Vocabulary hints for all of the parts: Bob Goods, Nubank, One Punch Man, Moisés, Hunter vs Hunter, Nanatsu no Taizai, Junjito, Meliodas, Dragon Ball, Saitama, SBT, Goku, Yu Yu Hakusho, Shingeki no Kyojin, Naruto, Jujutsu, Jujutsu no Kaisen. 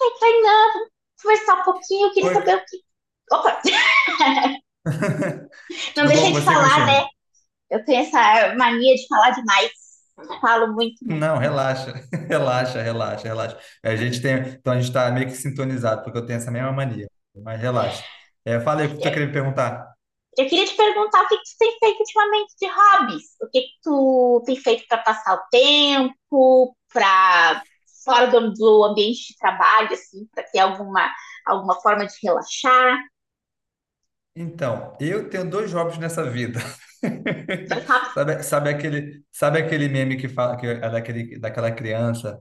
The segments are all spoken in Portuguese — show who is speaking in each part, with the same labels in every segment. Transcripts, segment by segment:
Speaker 1: Ai, Kainan, vamos conversar um pouquinho, eu queria
Speaker 2: Oi.
Speaker 1: saber o que. Opa, não
Speaker 2: Tudo bom
Speaker 1: deixei
Speaker 2: com
Speaker 1: de
Speaker 2: você,
Speaker 1: falar, né?
Speaker 2: Cristiano?
Speaker 1: Eu tenho essa mania de falar demais. Falo muito, muito,
Speaker 2: Não,
Speaker 1: muito.
Speaker 2: relaxa, relaxa, relaxa, relaxa. A gente tem, então a gente está meio que sintonizado, porque eu tenho essa mesma mania, mas relaxa. Fala aí o que tu queria me perguntar.
Speaker 1: Eu queria te perguntar o que tu tem feito ultimamente de hobbies. O que tu tem feito para passar o tempo, para fora do ambiente de trabalho, assim, para ter alguma, alguma forma de relaxar.
Speaker 2: Então, eu tenho dois jobs nessa vida.
Speaker 1: Dois rápido
Speaker 2: Sabe, sabe aquele meme que fala daquela criança,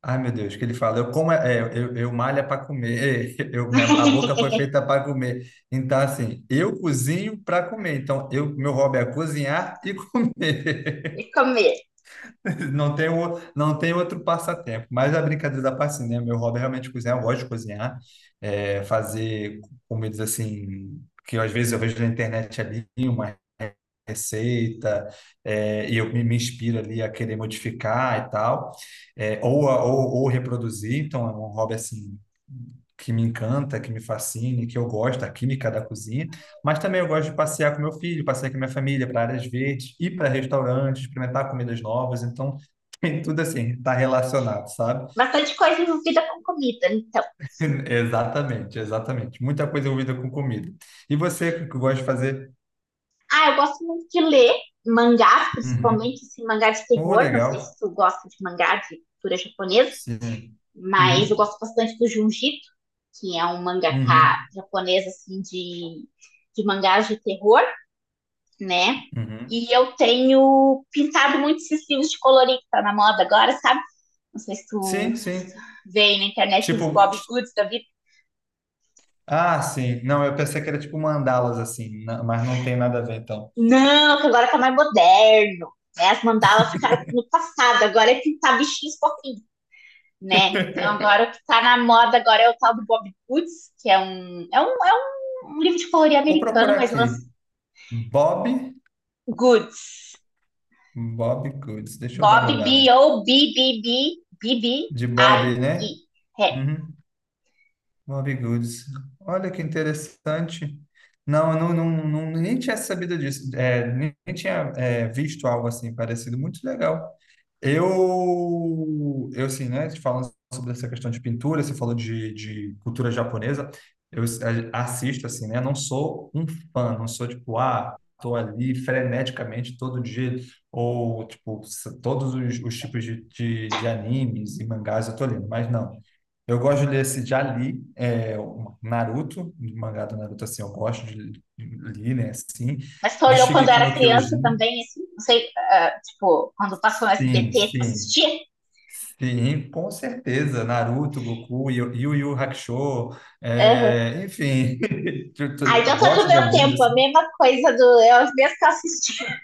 Speaker 2: ai, meu Deus, que ele fala, eu como é, é, eu malho para comer, a boca foi feita para comer. Então, assim, eu cozinho para comer. Então, meu hobby é cozinhar e comer.
Speaker 1: e comer.
Speaker 2: Não tem outro passatempo. Mas a brincadeira da parte, assim, né? Meu hobby é realmente cozinhar, eu gosto de cozinhar, fazer comidas assim, que às vezes eu vejo na internet ali, receita, e me inspiro ali a querer modificar e tal, ou reproduzir. Então, é um hobby assim que me encanta, que me fascina, que eu gosto, a química da cozinha, mas também eu gosto de passear com meu filho, passear com minha família para áreas verdes, ir para restaurantes, experimentar comidas novas, então tem tudo assim, está relacionado, sabe?
Speaker 1: Bastante coisa envolvida com comida, então.
Speaker 2: Exatamente, exatamente. Muita coisa envolvida com comida. E você, o que que gosta de fazer?
Speaker 1: Ah, eu gosto muito de ler mangás,
Speaker 2: Uhum.
Speaker 1: principalmente assim, mangá de
Speaker 2: Oh,
Speaker 1: terror. Não sei
Speaker 2: legal.
Speaker 1: se tu gosta de mangá de cultura japonesa,
Speaker 2: Sim.
Speaker 1: mas eu
Speaker 2: Uhum.
Speaker 1: gosto bastante do Junjito, que é um mangaka
Speaker 2: Uhum,
Speaker 1: japonês assim de mangás de terror, né?
Speaker 2: uhum.
Speaker 1: E eu tenho pintado muito esses livros de colorir que tá na moda agora, sabe? Não sei se tu
Speaker 2: Sim, sim.
Speaker 1: vê aí na internet os
Speaker 2: Tipo,
Speaker 1: Bob
Speaker 2: t-
Speaker 1: Goods da vida.
Speaker 2: ah, sim. Não, eu pensei que era tipo mandalas assim, na- mas não tem nada a ver então.
Speaker 1: Não, que agora tá mais moderno. Né? As mandalas ficaram no passado, agora é pintar bichinhos fofinhos, né? Então agora o que tá na moda agora é o tal do Bob Goods, que é um livro de colorir
Speaker 2: Vou
Speaker 1: americano,
Speaker 2: procurar
Speaker 1: mas lança
Speaker 2: aqui. Bob,
Speaker 1: Goods.
Speaker 2: Bob Goods. Deixa eu dar
Speaker 1: Bob,
Speaker 2: uma olhada.
Speaker 1: B O B B B B B
Speaker 2: De Bob,
Speaker 1: I E.
Speaker 2: né?
Speaker 1: É.
Speaker 2: Uhum. Bob Goods. Olha que interessante. Não, não, nem tinha sabido disso. É, nem tinha, visto algo assim parecido. Muito legal. Eu assim, né, falando sobre essa questão de pintura, você falou de cultura japonesa, eu assisto, assim, né, não sou um fã, não sou tipo, ah, tô ali freneticamente todo dia, ou, tipo, todos os tipos de animes e mangás eu tô lendo, mas não. Eu gosto de ler esse, já li, é, o Naruto, o mangá do Naruto, assim, eu gosto de ler, né, assim,
Speaker 1: Mas tu
Speaker 2: do
Speaker 1: olhou quando
Speaker 2: Shingeki
Speaker 1: era
Speaker 2: no
Speaker 1: criança
Speaker 2: Kyojin,
Speaker 1: também, assim, não sei, ah, tipo, quando passou no
Speaker 2: sim,
Speaker 1: SBT, tu
Speaker 2: sim,
Speaker 1: assistia?
Speaker 2: sim, com certeza. Naruto, Goku, Yu Yu Hakusho,
Speaker 1: Aham.
Speaker 2: é, enfim,
Speaker 1: Ah,
Speaker 2: eu
Speaker 1: então tá do
Speaker 2: gosto de
Speaker 1: meu
Speaker 2: animes
Speaker 1: tempo, a
Speaker 2: assim.
Speaker 1: mesma coisa do. Eu as mesmas que eu assisti.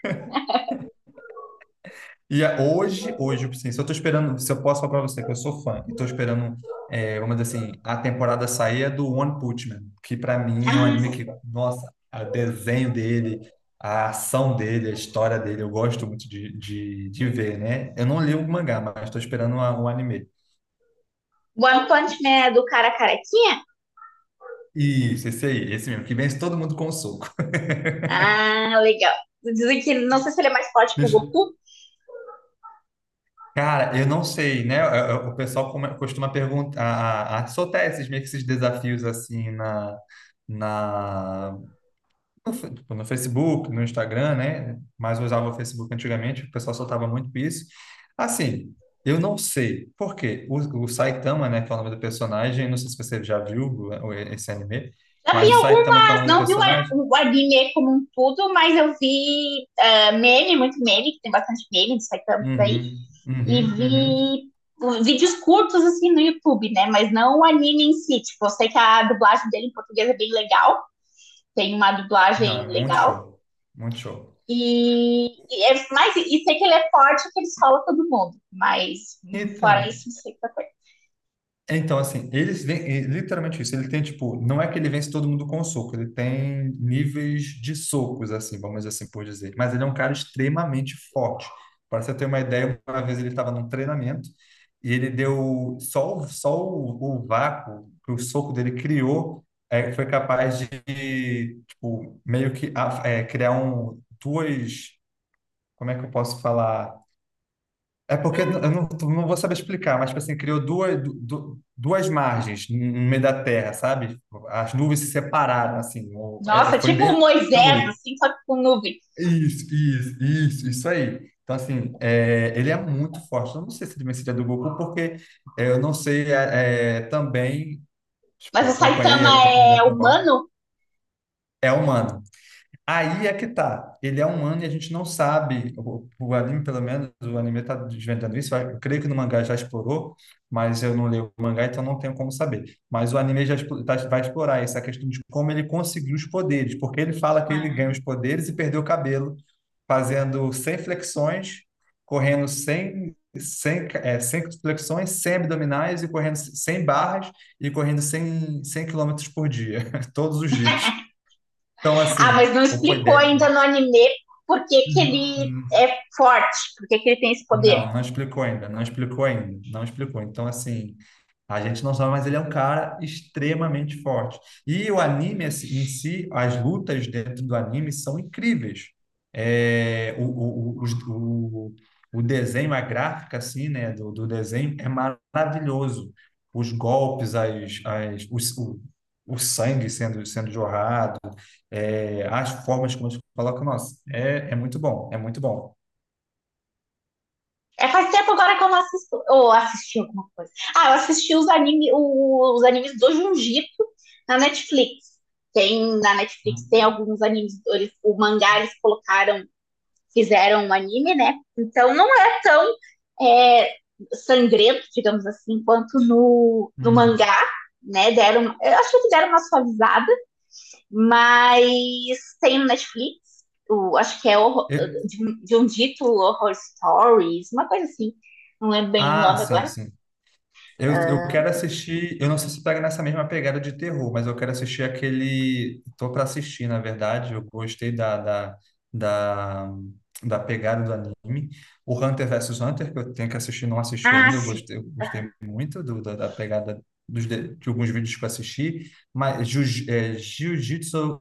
Speaker 2: E é, hoje, assim, se eu posso falar para você que eu sou fã e tô esperando, é, vamos dizer assim, a temporada sair é do One Punch Man, que para mim é um
Speaker 1: Ah,
Speaker 2: anime
Speaker 1: sim.
Speaker 2: que, nossa, o desenho dele, a ação dele, a história dele, eu gosto muito de ver, né? Eu não li o mangá, mas estou esperando um anime.
Speaker 1: One Punch Man é do cara carequinha?
Speaker 2: Isso, esse aí, esse mesmo, que vence todo mundo com um soco.
Speaker 1: Ah, legal. Dizem que não sei se ele é mais forte que o Goku.
Speaker 2: Cara, eu não sei, né? O pessoal costuma perguntar, soltar esses meio que esses desafios assim na, na no, tipo, no Facebook, no Instagram, né? Mas eu usava o Facebook antigamente, o pessoal soltava muito isso. Assim, eu não sei por quê. O Saitama, né, que é o nome do personagem, não sei se você já viu esse anime,
Speaker 1: Já
Speaker 2: mas
Speaker 1: vi
Speaker 2: o Saitama, que é o
Speaker 1: algumas,
Speaker 2: nome do
Speaker 1: não vi
Speaker 2: personagem.
Speaker 1: o anime como um todo, mas eu vi ah, meme, muito meme, que tem bastante meme de Saitama por aí,
Speaker 2: Uhum,
Speaker 1: e
Speaker 2: uhum, uhum.
Speaker 1: vi vídeos curtos assim no YouTube, né? Mas não o anime em si. Tipo, eu sei que a dublagem dele em português é bem legal, tem uma
Speaker 2: Não, é
Speaker 1: dublagem
Speaker 2: muito
Speaker 1: legal.
Speaker 2: show, muito show.
Speaker 1: E sei que ele é forte, que ele escola todo mundo. Mas fora
Speaker 2: Então.
Speaker 1: isso, não sei qual coisa.
Speaker 2: Então, assim, eles vêm, é literalmente isso, ele tem, tipo, não é que ele vence todo mundo com soco, ele tem níveis de socos, assim, vamos assim por dizer, mas ele é um cara extremamente forte. Para você ter uma ideia, uma vez ele estava num treinamento e ele deu só, só o vácuo que o soco dele criou, foi capaz de, tipo, meio que a- é, criar duas, como é que eu posso falar? É porque eu não, não vou saber explicar, mas tipo assim, criou duas margens no meio da Terra, sabe? As nuvens se separaram, assim.
Speaker 1: Nossa,
Speaker 2: Foi
Speaker 1: tipo o
Speaker 2: bem
Speaker 1: Moisés,
Speaker 2: louco.
Speaker 1: assim, só que com nuvem.
Speaker 2: Isso aí. Então, assim, é, ele é muito forte. Eu não sei se ele vencia do Goku, porque é, eu não sei é, é, também, tipo,
Speaker 1: Mas o
Speaker 2: acompanhei a
Speaker 1: Saitama
Speaker 2: companhia da
Speaker 1: é
Speaker 2: Dragon Ball.
Speaker 1: humano?
Speaker 2: É humano. Aí é que tá. Ele é um ano e a gente não sabe. O anime, pelo menos, o anime está desvendando isso. Eu creio que no mangá já explorou, mas eu não leio o mangá, então não tenho como saber. Mas o anime vai explorar essa questão de como ele conseguiu os poderes, porque ele fala que ele ganha
Speaker 1: Ah.
Speaker 2: os poderes e perdeu o cabelo, fazendo 100 flexões, correndo 100 flexões, 100 abdominais e correndo 100 barras e correndo 100 quilômetros por dia, todos os dias. Então,
Speaker 1: Ah,
Speaker 2: assim,
Speaker 1: mas não
Speaker 2: ou foi
Speaker 1: explicou
Speaker 2: 10.
Speaker 1: ainda no anime por que ele
Speaker 2: Hum,
Speaker 1: é forte, por que ele tem esse poder.
Speaker 2: Não, não explicou ainda, não explicou ainda, não explicou. Então, assim, a gente não sabe, mas ele é um cara extremamente forte. E o anime assim, em si, as lutas dentro do anime são incríveis. É, o, o, o, os- o, o desenho, a gráfica, assim, né, do desenho é maravilhoso. Os golpes, o sangue sendo jorrado, é, as formas como eles colocam, nossa, é, é muito bom, é muito bom.
Speaker 1: É, faz tempo agora que eu não assisto. Ou assisti alguma coisa. Ah, eu assisti os, anime, os animes do Jujutsu na Netflix. Tem na Netflix, tem alguns animes, eles, o mangá eles colocaram, fizeram um anime, né? Então não é tão é, sangrento, digamos assim, quanto no, no
Speaker 2: Hum.
Speaker 1: mangá, né? Deram, eu acho que deram uma suavizada. Mas tem no Netflix, o- acho que é horror-
Speaker 2: Eu-
Speaker 1: de um dito Horror Stories, uma coisa assim. Não lembro bem o
Speaker 2: Ah,
Speaker 1: nome
Speaker 2: sim,
Speaker 1: agora.
Speaker 2: sim. Eu
Speaker 1: Ah,
Speaker 2: quero assistir. Eu não sei se pega nessa mesma pegada de terror, mas eu quero assistir aquele. Tô para assistir, na verdade. Eu gostei da, da pegada do anime. O Hunter vs Hunter, que eu tenho que assistir, não assisti
Speaker 1: ah,
Speaker 2: ainda.
Speaker 1: sim.
Speaker 2: Eu gostei muito da pegada de alguns vídeos que eu assisti. Mas Jiu-Jitsu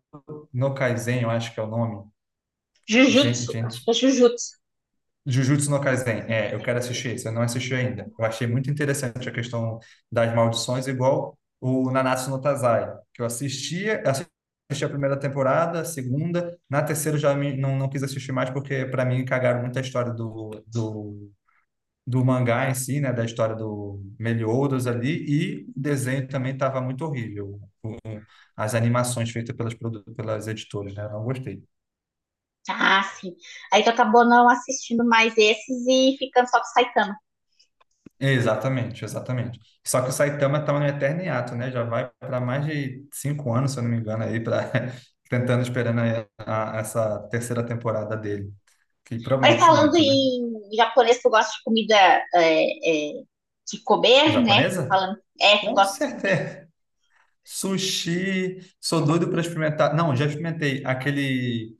Speaker 2: no Kaisen, eu acho que é o nome.
Speaker 1: Jujutsu, acho
Speaker 2: Gente,
Speaker 1: que é Jujutsu.
Speaker 2: Jujutsu no Kaisen, é, eu quero
Speaker 1: Isso.
Speaker 2: assistir, você não assistiu ainda. Eu achei muito interessante a questão das maldições, igual o Nanatsu no Taizai, que eu assistia, assisti a primeira temporada, a segunda, na terceira não, não quis assistir mais, porque para mim cagaram muita história do mangá em si, né, da história do Meliodas ali, e o desenho também estava muito horrível, as animações feitas pelas, pelas editoras, né, eu não gostei.
Speaker 1: Ah, sim. Aí tu acabou não assistindo mais esses e ficando só com o Saitama.
Speaker 2: Exatamente, exatamente. Só que o Saitama está no eterno hiato, né? Já vai para mais de 5 anos, se eu não me engano, aí para tentando esperando aí essa terceira temporada dele, que
Speaker 1: Mas
Speaker 2: promete
Speaker 1: falando
Speaker 2: muito, né?
Speaker 1: em japonês, tu gosta de comida é, é, de comer, né?
Speaker 2: Japonesa?
Speaker 1: Falando, é, tu
Speaker 2: Com
Speaker 1: gosta de comida.
Speaker 2: certeza. Sushi, sou doido para experimentar. Não, já experimentei aquele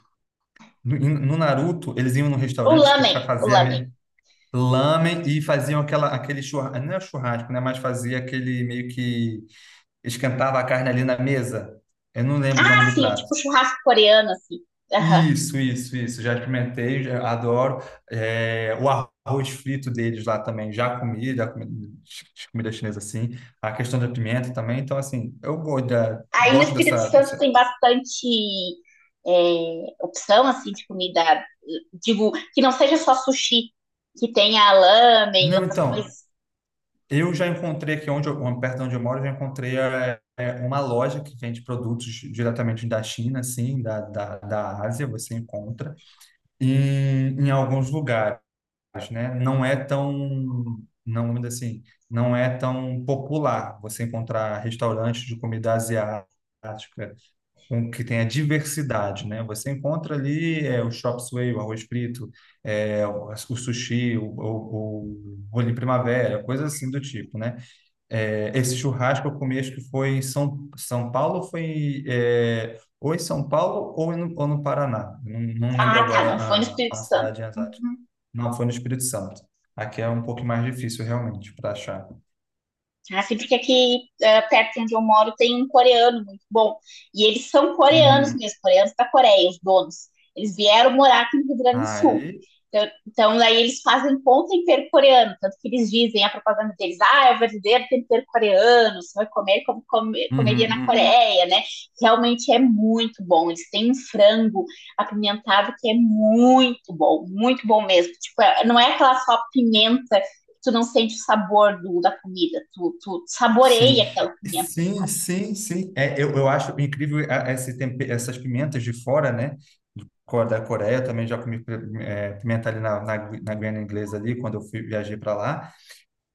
Speaker 2: no Naruto, eles iam num
Speaker 1: O
Speaker 2: restaurante que
Speaker 1: lamen, o
Speaker 2: fazia
Speaker 1: lamen.
Speaker 2: lamen e faziam aquela aquele churrasco, não é churrasco, né? Mas fazia aquele meio que esquentava a carne ali na mesa. Eu não lembro o nome
Speaker 1: Ah,
Speaker 2: do
Speaker 1: sim, é
Speaker 2: prato.
Speaker 1: tipo churrasco coreano, assim. Aham.
Speaker 2: Isso, isso, isso. Já experimentei, já adoro. É, o arroz frito deles lá também, já comi comida chinesa assim. A questão da pimenta também. Então, assim,
Speaker 1: Aí no
Speaker 2: gosto
Speaker 1: Espírito Santo
Speaker 2: dessa-
Speaker 1: tem bastante é, opção assim de comida, digo, que não seja só sushi, que tenha lamen e
Speaker 2: Não,
Speaker 1: outras
Speaker 2: então,
Speaker 1: coisas.
Speaker 2: eu já encontrei aqui onde eu, perto de onde eu moro, eu já encontrei uma loja que vende produtos diretamente da China, assim, da Ásia, você encontra, em alguns lugares. Né? Não é tão, não, vamos dizer assim, não é tão popular você encontrar restaurantes de comida asiática com que tenha diversidade, né? Você encontra ali é, o chop suey, o arroz frito, o sushi, o rolinho primavera, coisas assim do tipo, né? É, esse churrasco eu comi, acho que foi em São Paulo, foi é, ou em São Paulo ou ou no Paraná. Não, não lembro
Speaker 1: Ah, tá,
Speaker 2: agora
Speaker 1: não foi no Espírito
Speaker 2: a
Speaker 1: Santo.
Speaker 2: cidade exata.
Speaker 1: Uhum.
Speaker 2: Não foi no Espírito Santo. Aqui é um pouco mais difícil, realmente, para achar.
Speaker 1: Assim, porque aqui eh, perto de onde eu moro tem um coreano muito bom. E eles são coreanos
Speaker 2: Uhum.
Speaker 1: mesmo, coreanos da Coreia, os donos. Eles vieram morar aqui no Rio Grande do Sul.
Speaker 2: Aí.
Speaker 1: Então, então daí eles fazem com tempero coreano, tanto que eles dizem a propaganda deles, ah, é o verdadeiro tempero coreano, você vai comer como come- comeria
Speaker 2: Uhum,
Speaker 1: na
Speaker 2: uhum.
Speaker 1: Coreia, né? Realmente é muito bom. Eles têm um frango apimentado que é muito bom mesmo. Tipo, é- não é aquela só pimenta tu não sente o sabor do, da comida, tu, tu
Speaker 2: Sim.
Speaker 1: saboreia aquela comida,
Speaker 2: Sim,
Speaker 1: sabe?
Speaker 2: sim, sim. É, eu acho incrível esse essas pimentas de fora, né? Da Coreia, eu também já comi pimenta ali na Guiana Inglesa ali, quando eu fui, viajei para lá.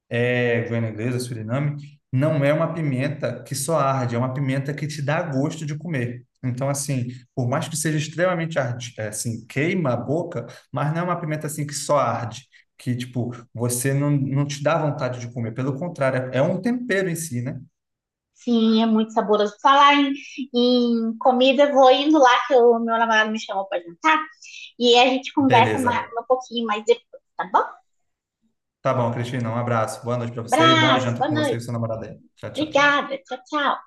Speaker 2: É, Guiana Inglesa, Suriname, não é uma pimenta que só arde, é uma pimenta que te dá gosto de comer. Então, assim, por mais que seja extremamente arde, é, assim, queima a boca, mas não é uma pimenta assim que só arde, que, tipo, você não, não te dá vontade de comer. Pelo contrário, é um tempero em si, né?
Speaker 1: Sim, é muito saboroso. Falar em, em comida, vou indo lá que o meu namorado me chamou para jantar e a gente conversa mais,
Speaker 2: Beleza.
Speaker 1: um pouquinho mais depois, tá bom?
Speaker 2: Tá bom, Cristina, um abraço. Boa noite para você e boa
Speaker 1: Abraço,
Speaker 2: janta
Speaker 1: boa
Speaker 2: com você e
Speaker 1: noite,
Speaker 2: seu namorado aí. Tchau, tchau, tchau.
Speaker 1: obrigada, tchau, tchau.